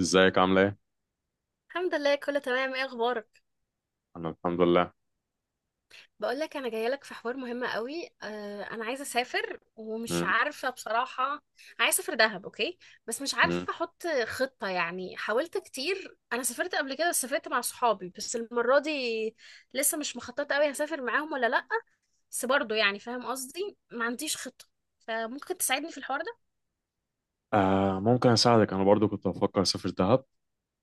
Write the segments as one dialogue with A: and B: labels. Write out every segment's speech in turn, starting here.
A: ازيك؟ عامله ايه؟
B: الحمد لله، كله تمام. ايه اخبارك؟
A: انا الحمد لله.
B: بقول لك انا جايه لك في حوار مهم قوي. انا عايزه اسافر ومش
A: مم.
B: عارفه بصراحه. عايزه اسافر دهب. اوكي، بس مش
A: مم.
B: عارفه احط خطه، يعني حاولت كتير. انا سافرت قبل كده بس سافرت مع صحابي، بس المره دي لسه مش مخططه قوي هسافر معاهم ولا لا. بس برضه يعني فاهم قصدي، ما عنديش خطه، فممكن تساعدني في الحوار ده؟
A: آه، ممكن اساعدك، انا برضو كنت بفكر اسافر دهب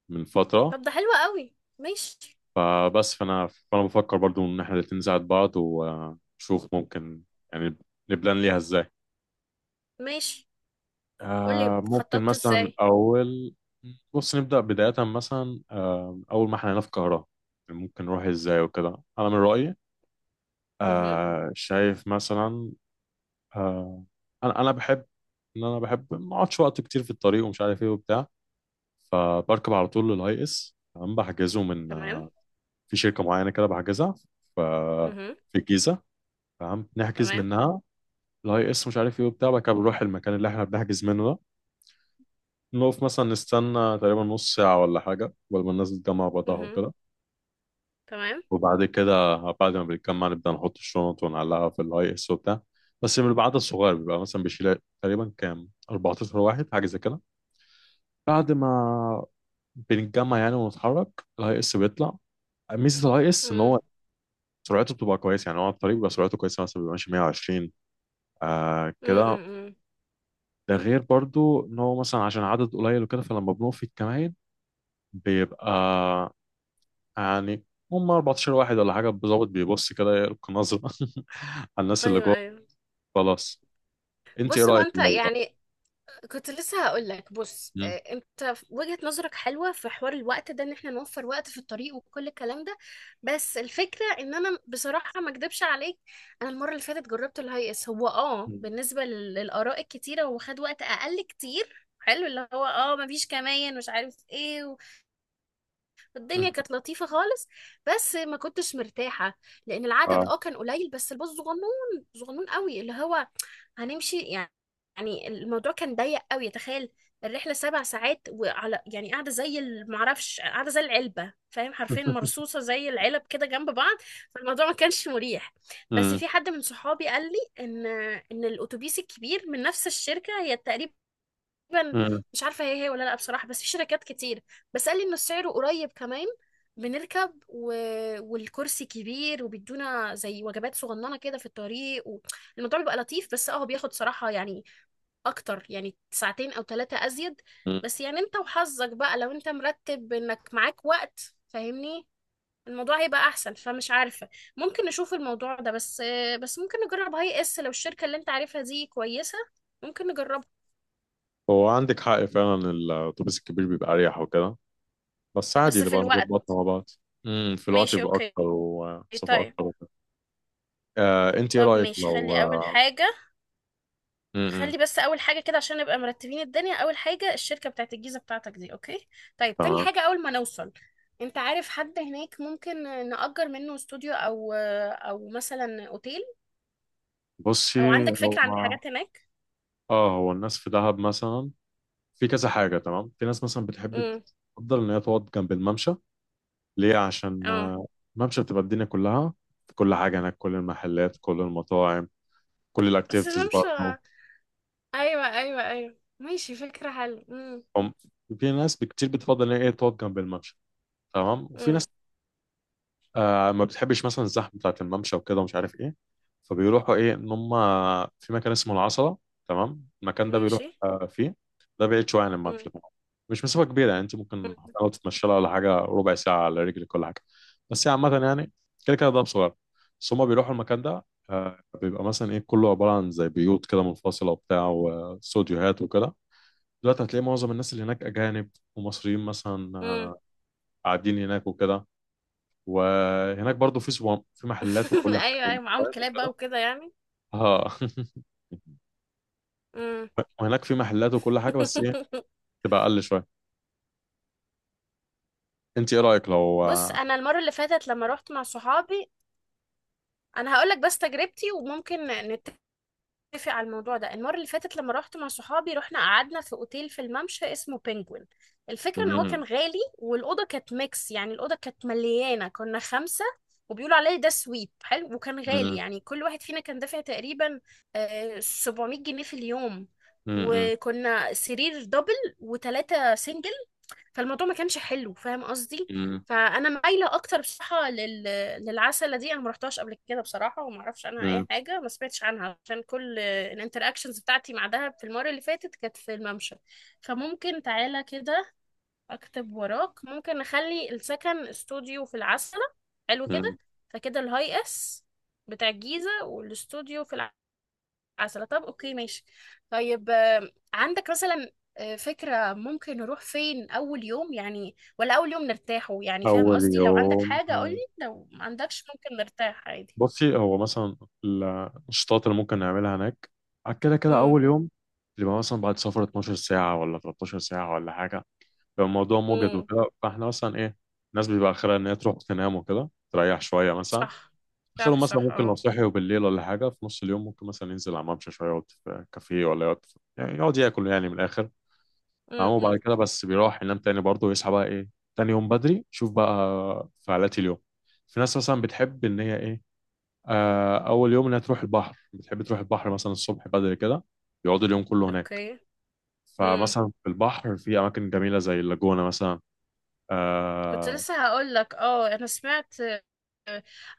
A: من فتره.
B: طب ده حلو قوي، ماشي.
A: فبس فانا بفكر برضو ان احنا الاتنين نساعد بعض، ونشوف ممكن يعني نبلان ليها ازاي.
B: ماشي، قولي
A: ممكن
B: خططت
A: مثلا من
B: ازاي.
A: اول. بص نبدا بدايه، مثلا اول ما احنا هنا في القاهره، ممكن نروح ازاي وكده، انا من رايي
B: اها،
A: شايف مثلا. آه انا بحب ما اقعدش وقت كتير في الطريق، ومش عارف ايه وبتاع، فبركب على طول للاي اس. تمام، بحجزه من
B: تمام.
A: في شركه معينه كده، بحجزها ف-
B: اها،
A: في الجيزه. تمام، نحجز
B: تمام.
A: منها الاي اس، مش عارف ايه وبتاع. بعد كده بنروح المكان اللي احنا بنحجز منه ده، نقف مثلا، نستنى تقريبا نص ساعه ولا حاجه قبل ما الناس تتجمع بعضها
B: اها،
A: وكده.
B: تمام.
A: وبعد كده، بعد ما بنتجمع، نبدا نحط الشنط ونعلقها في الاي اس وبتاع. بس من العدد الصغير، بيبقى مثلا بيشيل تقريبا كام 14 واحد، حاجه زي كده. بعد ما بنتجمع يعني ونتحرك، الاي اس بيطلع. ميزه الاي اس ان
B: امم،
A: هو سرعته بتبقى كويسه، يعني هو على الطريق بيبقى سرعته كويسه، مثلا بيبقى ماشي 120،
B: امم،
A: كده. ده غير برضو ان هو مثلا عشان عدد قليل وكده، فلما بنقف في الكمائن بيبقى يعني هم 14 واحد ولا حاجه بالظبط، بيبص كده يلقي نظره على الناس اللي
B: ايوه،
A: جوه.
B: ايوه.
A: خلاص، انت ايه
B: بص هو
A: رايك
B: انت
A: لو بقى؟
B: يعني كنت لسه هقول لك. بص
A: مم.
B: انت وجهة نظرك حلوه في حوار الوقت ده، ان احنا نوفر وقت في الطريق وكل الكلام ده. بس الفكره ان انا بصراحه ما اكدبش عليك، انا المره اللي فاتت جربت الهاي اس، هو
A: مم.
B: بالنسبه للاراء الكتيره هو خد وقت اقل كتير، حلو، اللي هو مفيش كمان مش عارف ايه،
A: مم.
B: والدنيا كانت لطيفه خالص. بس ما كنتش مرتاحه، لان العدد
A: اه.
B: كان قليل، بس الباص صغنون صغنون قوي، اللي هو هنمشي يعني. يعني الموضوع كان ضيق قوي، تخيل، الرحلة سبع ساعات، وعلى يعني قاعدة زي معرفش، قاعدة زي العلبة، فاهم، حرفيا مرصوصة زي العلب كده جنب بعض. فالموضوع ما كانش مريح. بس
A: مم.
B: في حد من صحابي قال لي ان الاتوبيس الكبير من نفس الشركة هي تقريبا
A: مم.
B: مش عارفه هي هي ولا لا بصراحه، بس في شركات كتير. بس قال لي انه سعره قريب كمان، بنركب، و... والكرسي كبير وبيدونا زي وجبات صغننه كده في الطريق، و... الموضوع بيبقى لطيف. بس هو بياخد صراحه يعني اكتر، يعني ساعتين او ثلاثه ازيد.
A: مم.
B: بس يعني انت وحظك بقى، لو انت مرتب انك معاك وقت فاهمني، الموضوع هيبقى احسن. فمش عارفه، ممكن نشوف الموضوع ده. بس بس ممكن نجرب هاي اس لو الشركه اللي انت عارفها دي كويسه، ممكن نجربها،
A: هو عندك حق فعلا، الاتوبيس الكبير بيبقى اريح وكده، بس عادي
B: بس في
A: نبقى
B: الوقت.
A: نظبطها مع بعض. مم. في الوقت
B: ماشي،
A: يبقى
B: اوكي.
A: اكتر
B: إيه
A: ومسافه
B: طيب؟
A: اكتر. انت ايه
B: طب
A: رايك
B: ماشي،
A: لو
B: خلي اول
A: آه،
B: حاجة،
A: م- م،
B: خلي بس اول حاجة كده عشان نبقى مرتبين الدنيا. اول حاجة الشركة بتاعت الجيزة بتاعتك دي. اوكي، طيب تاني
A: تمام.
B: حاجة، اول ما نوصل انت عارف حد هناك ممكن نأجر منه استوديو او مثلا اوتيل،
A: بصي،
B: او عندك
A: هو
B: فكرة عن الحاجات هناك؟
A: اه هو الناس في دهب مثلا في كذا حاجه، تمام. في ناس مثلا بتحب
B: امم،
A: تفضل ان هي تقعد جنب الممشى، ليه؟ عشان
B: اه.
A: الممشى بتبقى الدنيا كلها، كل حاجه هناك، كل المحلات، كل المطاعم، كل
B: بس
A: الاكتيفيتيز
B: مش
A: برضه.
B: ايوه ايوه ايوه، ماشي فكرة حلوة. امم،
A: هم في ناس كتير بتفضل ان هي إيه تقعد جنب الممشى، تمام. وفي ناس
B: امم.
A: ما بتحبش مثلا الزحمه بتاعت الممشى وكده ومش عارف ايه، فبيروحوا ايه ان هم في مكان اسمه العصلة. تمام، المكان ده بيروح
B: ماشي.
A: فيه. ده بعيد شويه عن
B: امم،
A: الممشى طبعا، مش مسافه كبيره، يعني انت ممكن لو تتمشى لها ولا حاجه ربع ساعه على رجلك ولا حاجه، بس هي عامه يعني كده كده ده صغير. بس هم بيروحوا المكان ده، بيبقى مثلا ايه كله عباره عن زي بيوت كده منفصله وبتاع، واستوديوهات وكده. دلوقتي هتلاقي معظم الناس اللي هناك اجانب ومصريين، مثلا
B: امم.
A: قاعدين هناك وكده. وهناك برضو في سوام، في محلات وكل حاجه
B: ايوه ايوه، معاهم
A: ومطاعم
B: كلاب بقى
A: وكده.
B: وكده يعني.
A: اه.
B: امم.
A: وهناك في محلات وكل حاجه، بس ايه، تبقى اقل شويه. انت ايه رايك لو؟
B: بص انا المره اللي فاتت لما روحت مع صحابي، انا هقول لك بس تجربتي وممكن نتفق على الموضوع ده. المره اللي فاتت لما روحت مع صحابي رحنا قعدنا في اوتيل في الممشى اسمه بينجوين. الفكره ان هو
A: مم.
B: كان غالي، والاوضه كانت ميكس يعني، الاوضه كانت مليانه، كنا خمسه، وبيقولوا عليه ده سويت حلو، وكان غالي
A: مم.
B: يعني. كل واحد فينا كان دافع تقريبا 700 جنيه في اليوم.
A: مم.
B: وكنا سرير دبل وثلاثة سنجل، فالموضوع ما كانش حلو فاهم قصدي.
A: مم.
B: فانا مايله اكتر بصراحه للعسله دي، انا ما رحتهاش قبل كده بصراحه، وما اعرفش عنها
A: مم.
B: اي حاجه، ما سمعتش عنها، عشان كل الانتراكشنز بتاعتي مع دهب في المره اللي فاتت كانت في الممشى. فممكن تعالى كده اكتب وراك، ممكن نخلي السكن استوديو في العسله. حلو كده.
A: مم.
B: فكده الهاي اس بتاع الجيزه، والاستوديو في العسله. عسلة، طب اوكي ماشي. طيب عندك مثلا فكرة ممكن نروح فين أول يوم؟ يعني، ولا أول يوم نرتاحه يعني، فاهم
A: اول
B: قصدي؟ لو عندك
A: يوم
B: حاجة قولي، لو ما عندكش ممكن نرتاح عادي.
A: بصي هو مثلا النشاطات اللي ممكن نعملها هناك، كده كده
B: امم،
A: اول يوم يبقى مثلا بعد سفر 12 ساعه ولا 13 ساعه ولا حاجه، يبقى الموضوع موجد
B: امم.
A: وكده، فاحنا مثلا ايه، الناس بيبقى اخرها ان هي تروح تنام وكده، تريح شويه مثلا.
B: صح صح.
A: اخرهم مثلا
B: صح،
A: ممكن لو
B: اه.
A: صحي وبالليل ولا حاجه في نص اليوم، ممكن مثلا ينزل على الممشى شويه، يقعد في كافيه، ولا يقعد يعني يقعد ياكل يعني من الاخر. تمام، وبعد
B: امم.
A: كده بس بيروح ينام تاني برضه، ويصحى بقى ايه تاني يوم بدري، شوف بقى فعاليات اليوم. في ناس مثلا بتحب ان هي ايه، اول يوم انها تروح البحر، بتحب تروح البحر مثلا الصبح بدري كده، يقعدوا اليوم كله هناك.
B: اوكي. امم.
A: فمثلا في البحر في اماكن جميله زي اللاجونه مثلا.
B: كنت
A: آه...
B: لسه هقول لك، اه انا سمعت،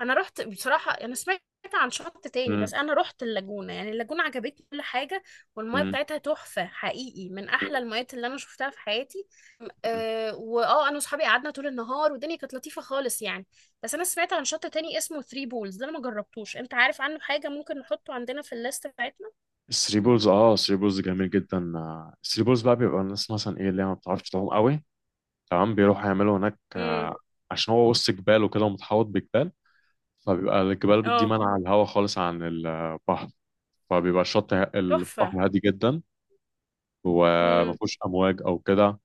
B: انا رحت بصراحه. انا سمعت عن شط تاني،
A: م-
B: بس انا رحت اللاجونه، يعني اللاجونه عجبتني كل حاجه، والميه
A: م-
B: بتاعتها تحفه حقيقي، من احلى
A: م-
B: الميات اللي انا شفتها في حياتي.
A: م.
B: أه، واه انا واصحابي قعدنا طول النهار والدنيا كانت لطيفه خالص يعني. بس انا سمعت عن شط تاني اسمه ثري بولز، ده انا ما جربتوش، انت عارف عنه حاجه؟ ممكن نحطه عندنا في الليست بتاعتنا.
A: الثري بولز. اه، الثري بولز جميل جدا. الثري بولز بقى بيبقى الناس مثلا ايه اللي هي ما بتعرفش تعوم قوي، تمام، بيروحوا يعملوا هناك
B: امم،
A: عشان هو وسط جبال وكده، ومتحوط بجبال، فبيبقى الجبال دي
B: اه.
A: مانعة الهواء خالص عن البحر، فبيبقى
B: تحفه.
A: البحر هادي جدا، وما
B: امم،
A: فيهوش امواج او كده.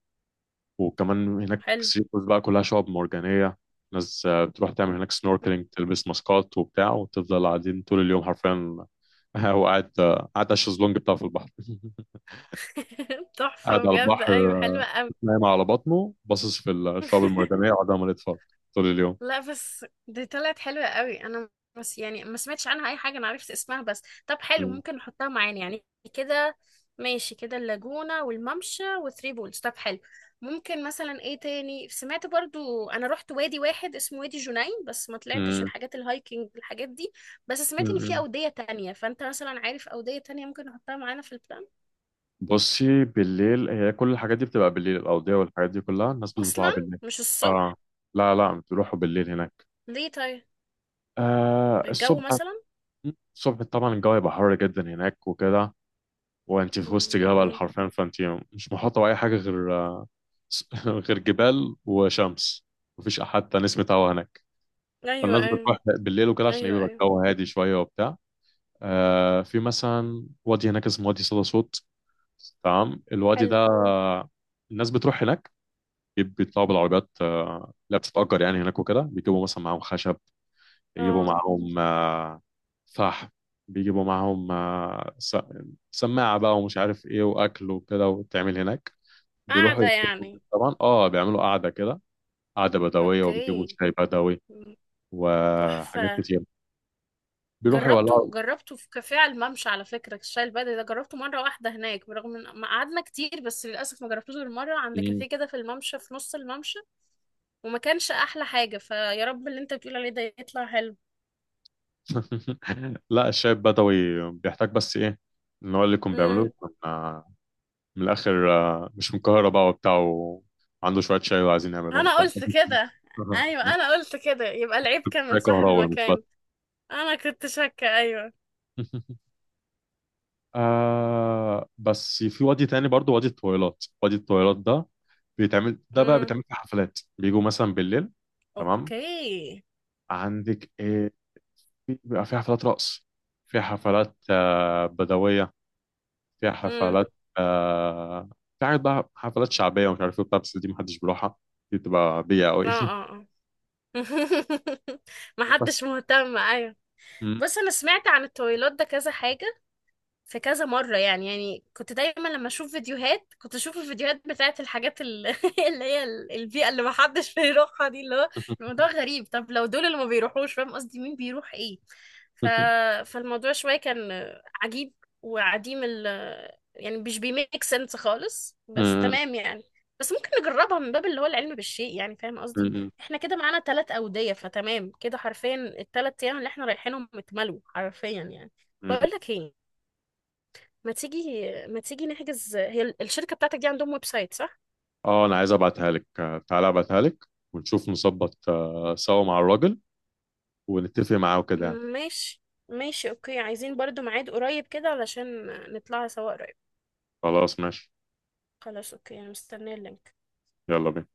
A: وكمان هناك
B: حلو.
A: الثري بولز بقى كلها شعاب مرجانية. ناس بتروح تعمل هناك سنوركلينج، تلبس ماسكات وبتاع، وتفضل قاعدين طول اليوم حرفيا وقاعد قاعد على الشезлونج بتاعه في البحر. قاعد
B: تحفه
A: على
B: بجد، ايوه
A: البحر،
B: حلوه قوي.
A: نايم على بطنه، باصص في الشعب المرجانية، وقاعد عمال يتفرج طول اليوم.
B: لا بس دي طلعت حلوة قوي، انا بس يعني ما سمعتش عنها اي حاجة، انا عرفت اسمها بس. طب حلو،
A: مم.
B: ممكن نحطها معانا يعني كده. ماشي، كده اللاجونة والممشى وثري بولز، طب حلو. ممكن مثلا ايه تاني؟ سمعت برضو، انا رحت وادي واحد اسمه وادي جنين، بس ما طلعتش
A: مم.
B: الحاجات الهايكنج الحاجات دي. بس سمعت ان في
A: مم.
B: اودية تانية، فانت مثلا عارف اودية تانية ممكن نحطها معانا في البلان؟
A: بصي، بالليل هي كل الحاجات دي بتبقى بالليل، الأوضية والحاجات دي كلها الناس بتطلع
B: اصلا،
A: بالليل.
B: مش الصبح؟
A: اه. لا لا، بتروحوا بالليل هناك.
B: ليه طيب؟ الجو
A: الصبح؟
B: مثلا؟
A: الصبح طبعا الجو هيبقى حر جدا هناك وكده، وانت في وسط
B: امم،
A: جبل
B: أمم.
A: حرفيا، فانت مش محاطة بأي حاجة غير غير جبال وشمس، مفيش حتى نسمة هوا هناك.
B: ايوه
A: فالناس
B: ايوه.
A: بتروح بالليل وكده، عشان
B: ايوه
A: يبقى
B: ايوه.
A: الجو هادي شوية وبتاع. في مثلا وادي هناك اسمه وادي صدى صوت، تمام. الوادي ده
B: حلو.
A: الناس بتروح هناك، بيطلعوا بالعربيات اللي بتتأجر يعني هناك وكده، بيجيبوا مثلا معاهم خشب، يجيبوا
B: اه.
A: معاهم فحم، بيجيبوا معاهم سماعة بقى، ومش عارف ايه وأكل وكده، وتعمل هناك. بيروحوا
B: قاعدة
A: يتفقوا
B: يعني.
A: هناك طبعا، اه، بيعملوا قعدة كده، قعدة بدوية، وبيجيبوا
B: اوكي.
A: شاي بدوي
B: م-
A: وحاجات
B: تحفة.
A: كتير. بيروحوا يولعوا.
B: جربته، جربته في كافيه على الممشى على فكرة، الشاي البدري ده جربته مرة واحدة هناك، برغم ان ما قعدنا كتير، بس للأسف ما جربتوش غير مرة عند كافيه كده في الممشى في نص الممشى، وما كانش أحلى حاجة، فيا رب اللي انت بتقول عليه ده يطلع حلو.
A: لا، الشاي البدوي بيحتاج بس ايه، ان هو اللي كنا
B: مم.
A: بيعمله، كنا من الاخر، مش من القاهره بقى وبتاع، وعنده شويه شاي وعايزين يعملوه
B: أنا
A: وبتاع.
B: قلت كده، أيوة أنا قلت كده، يبقى العيب كان من
A: شاي
B: صاحب
A: كهراوي مش
B: المكان.
A: بس.
B: أنا كنت شاكة، أيوة.
A: بس في وادي تاني برضو، وادي الطويلات. وادي الطويلات ده بيتعمل، ده بقى
B: مم.
A: بيتعمل في حفلات، بيجوا مثلا بالليل، تمام.
B: اوكي.
A: عندك ايه؟ بيبقى في حفلات رقص، في حفلات بدوية، فيها
B: مم.
A: حفلات في حاجات بقى، حفلات شعبية ومش عارف ايه وبتاع، بس دي محدش بيروحها، دي بتبقى بيئة أوي.
B: اه اه اه.
A: بس
B: محدش مهتم، ايوه.
A: م-
B: بص انا سمعت عن الطويلات ده كذا حاجه، في كذا مره، يعني كنت دايما لما اشوف فيديوهات كنت اشوف الفيديوهات بتاعت الحاجات اللي هي البيئه اللي محدش بيروحها دي، اللي هو الموضوع غريب. طب لو دول اللي ما بيروحوش فاهم قصدي، مين بيروح ايه؟ ف... فالموضوع شوية كان عجيب، وعديم ال، يعني مش بيميك سنس خالص. بس
A: م-
B: تمام يعني، بس ممكن نجربها من باب اللي هو العلم بالشيء، يعني فاهم قصدي.
A: م-
B: احنا كده معانا ثلاث أودية، فتمام كده، حرفيا الثلاث أيام اللي احنا رايحينهم اتملوا حرفيا يعني.
A: م-
B: بقول لك ايه، ما تيجي نحجز، هي الشركة بتاعتك دي عندهم ويب سايت صح؟
A: اه، أنا عايز أبعتها لك، تعالى أبعتها لك، ونشوف نظبط سوا مع الراجل، ونتفق معاه وكده يعني.
B: ماشي. ماشي اوكي، عايزين برضو ميعاد قريب كده علشان نطلع سوا قريب.
A: خلاص، ماشي.
B: خلاص اوكي، انا مستنيه اللينك.
A: يلا بينا.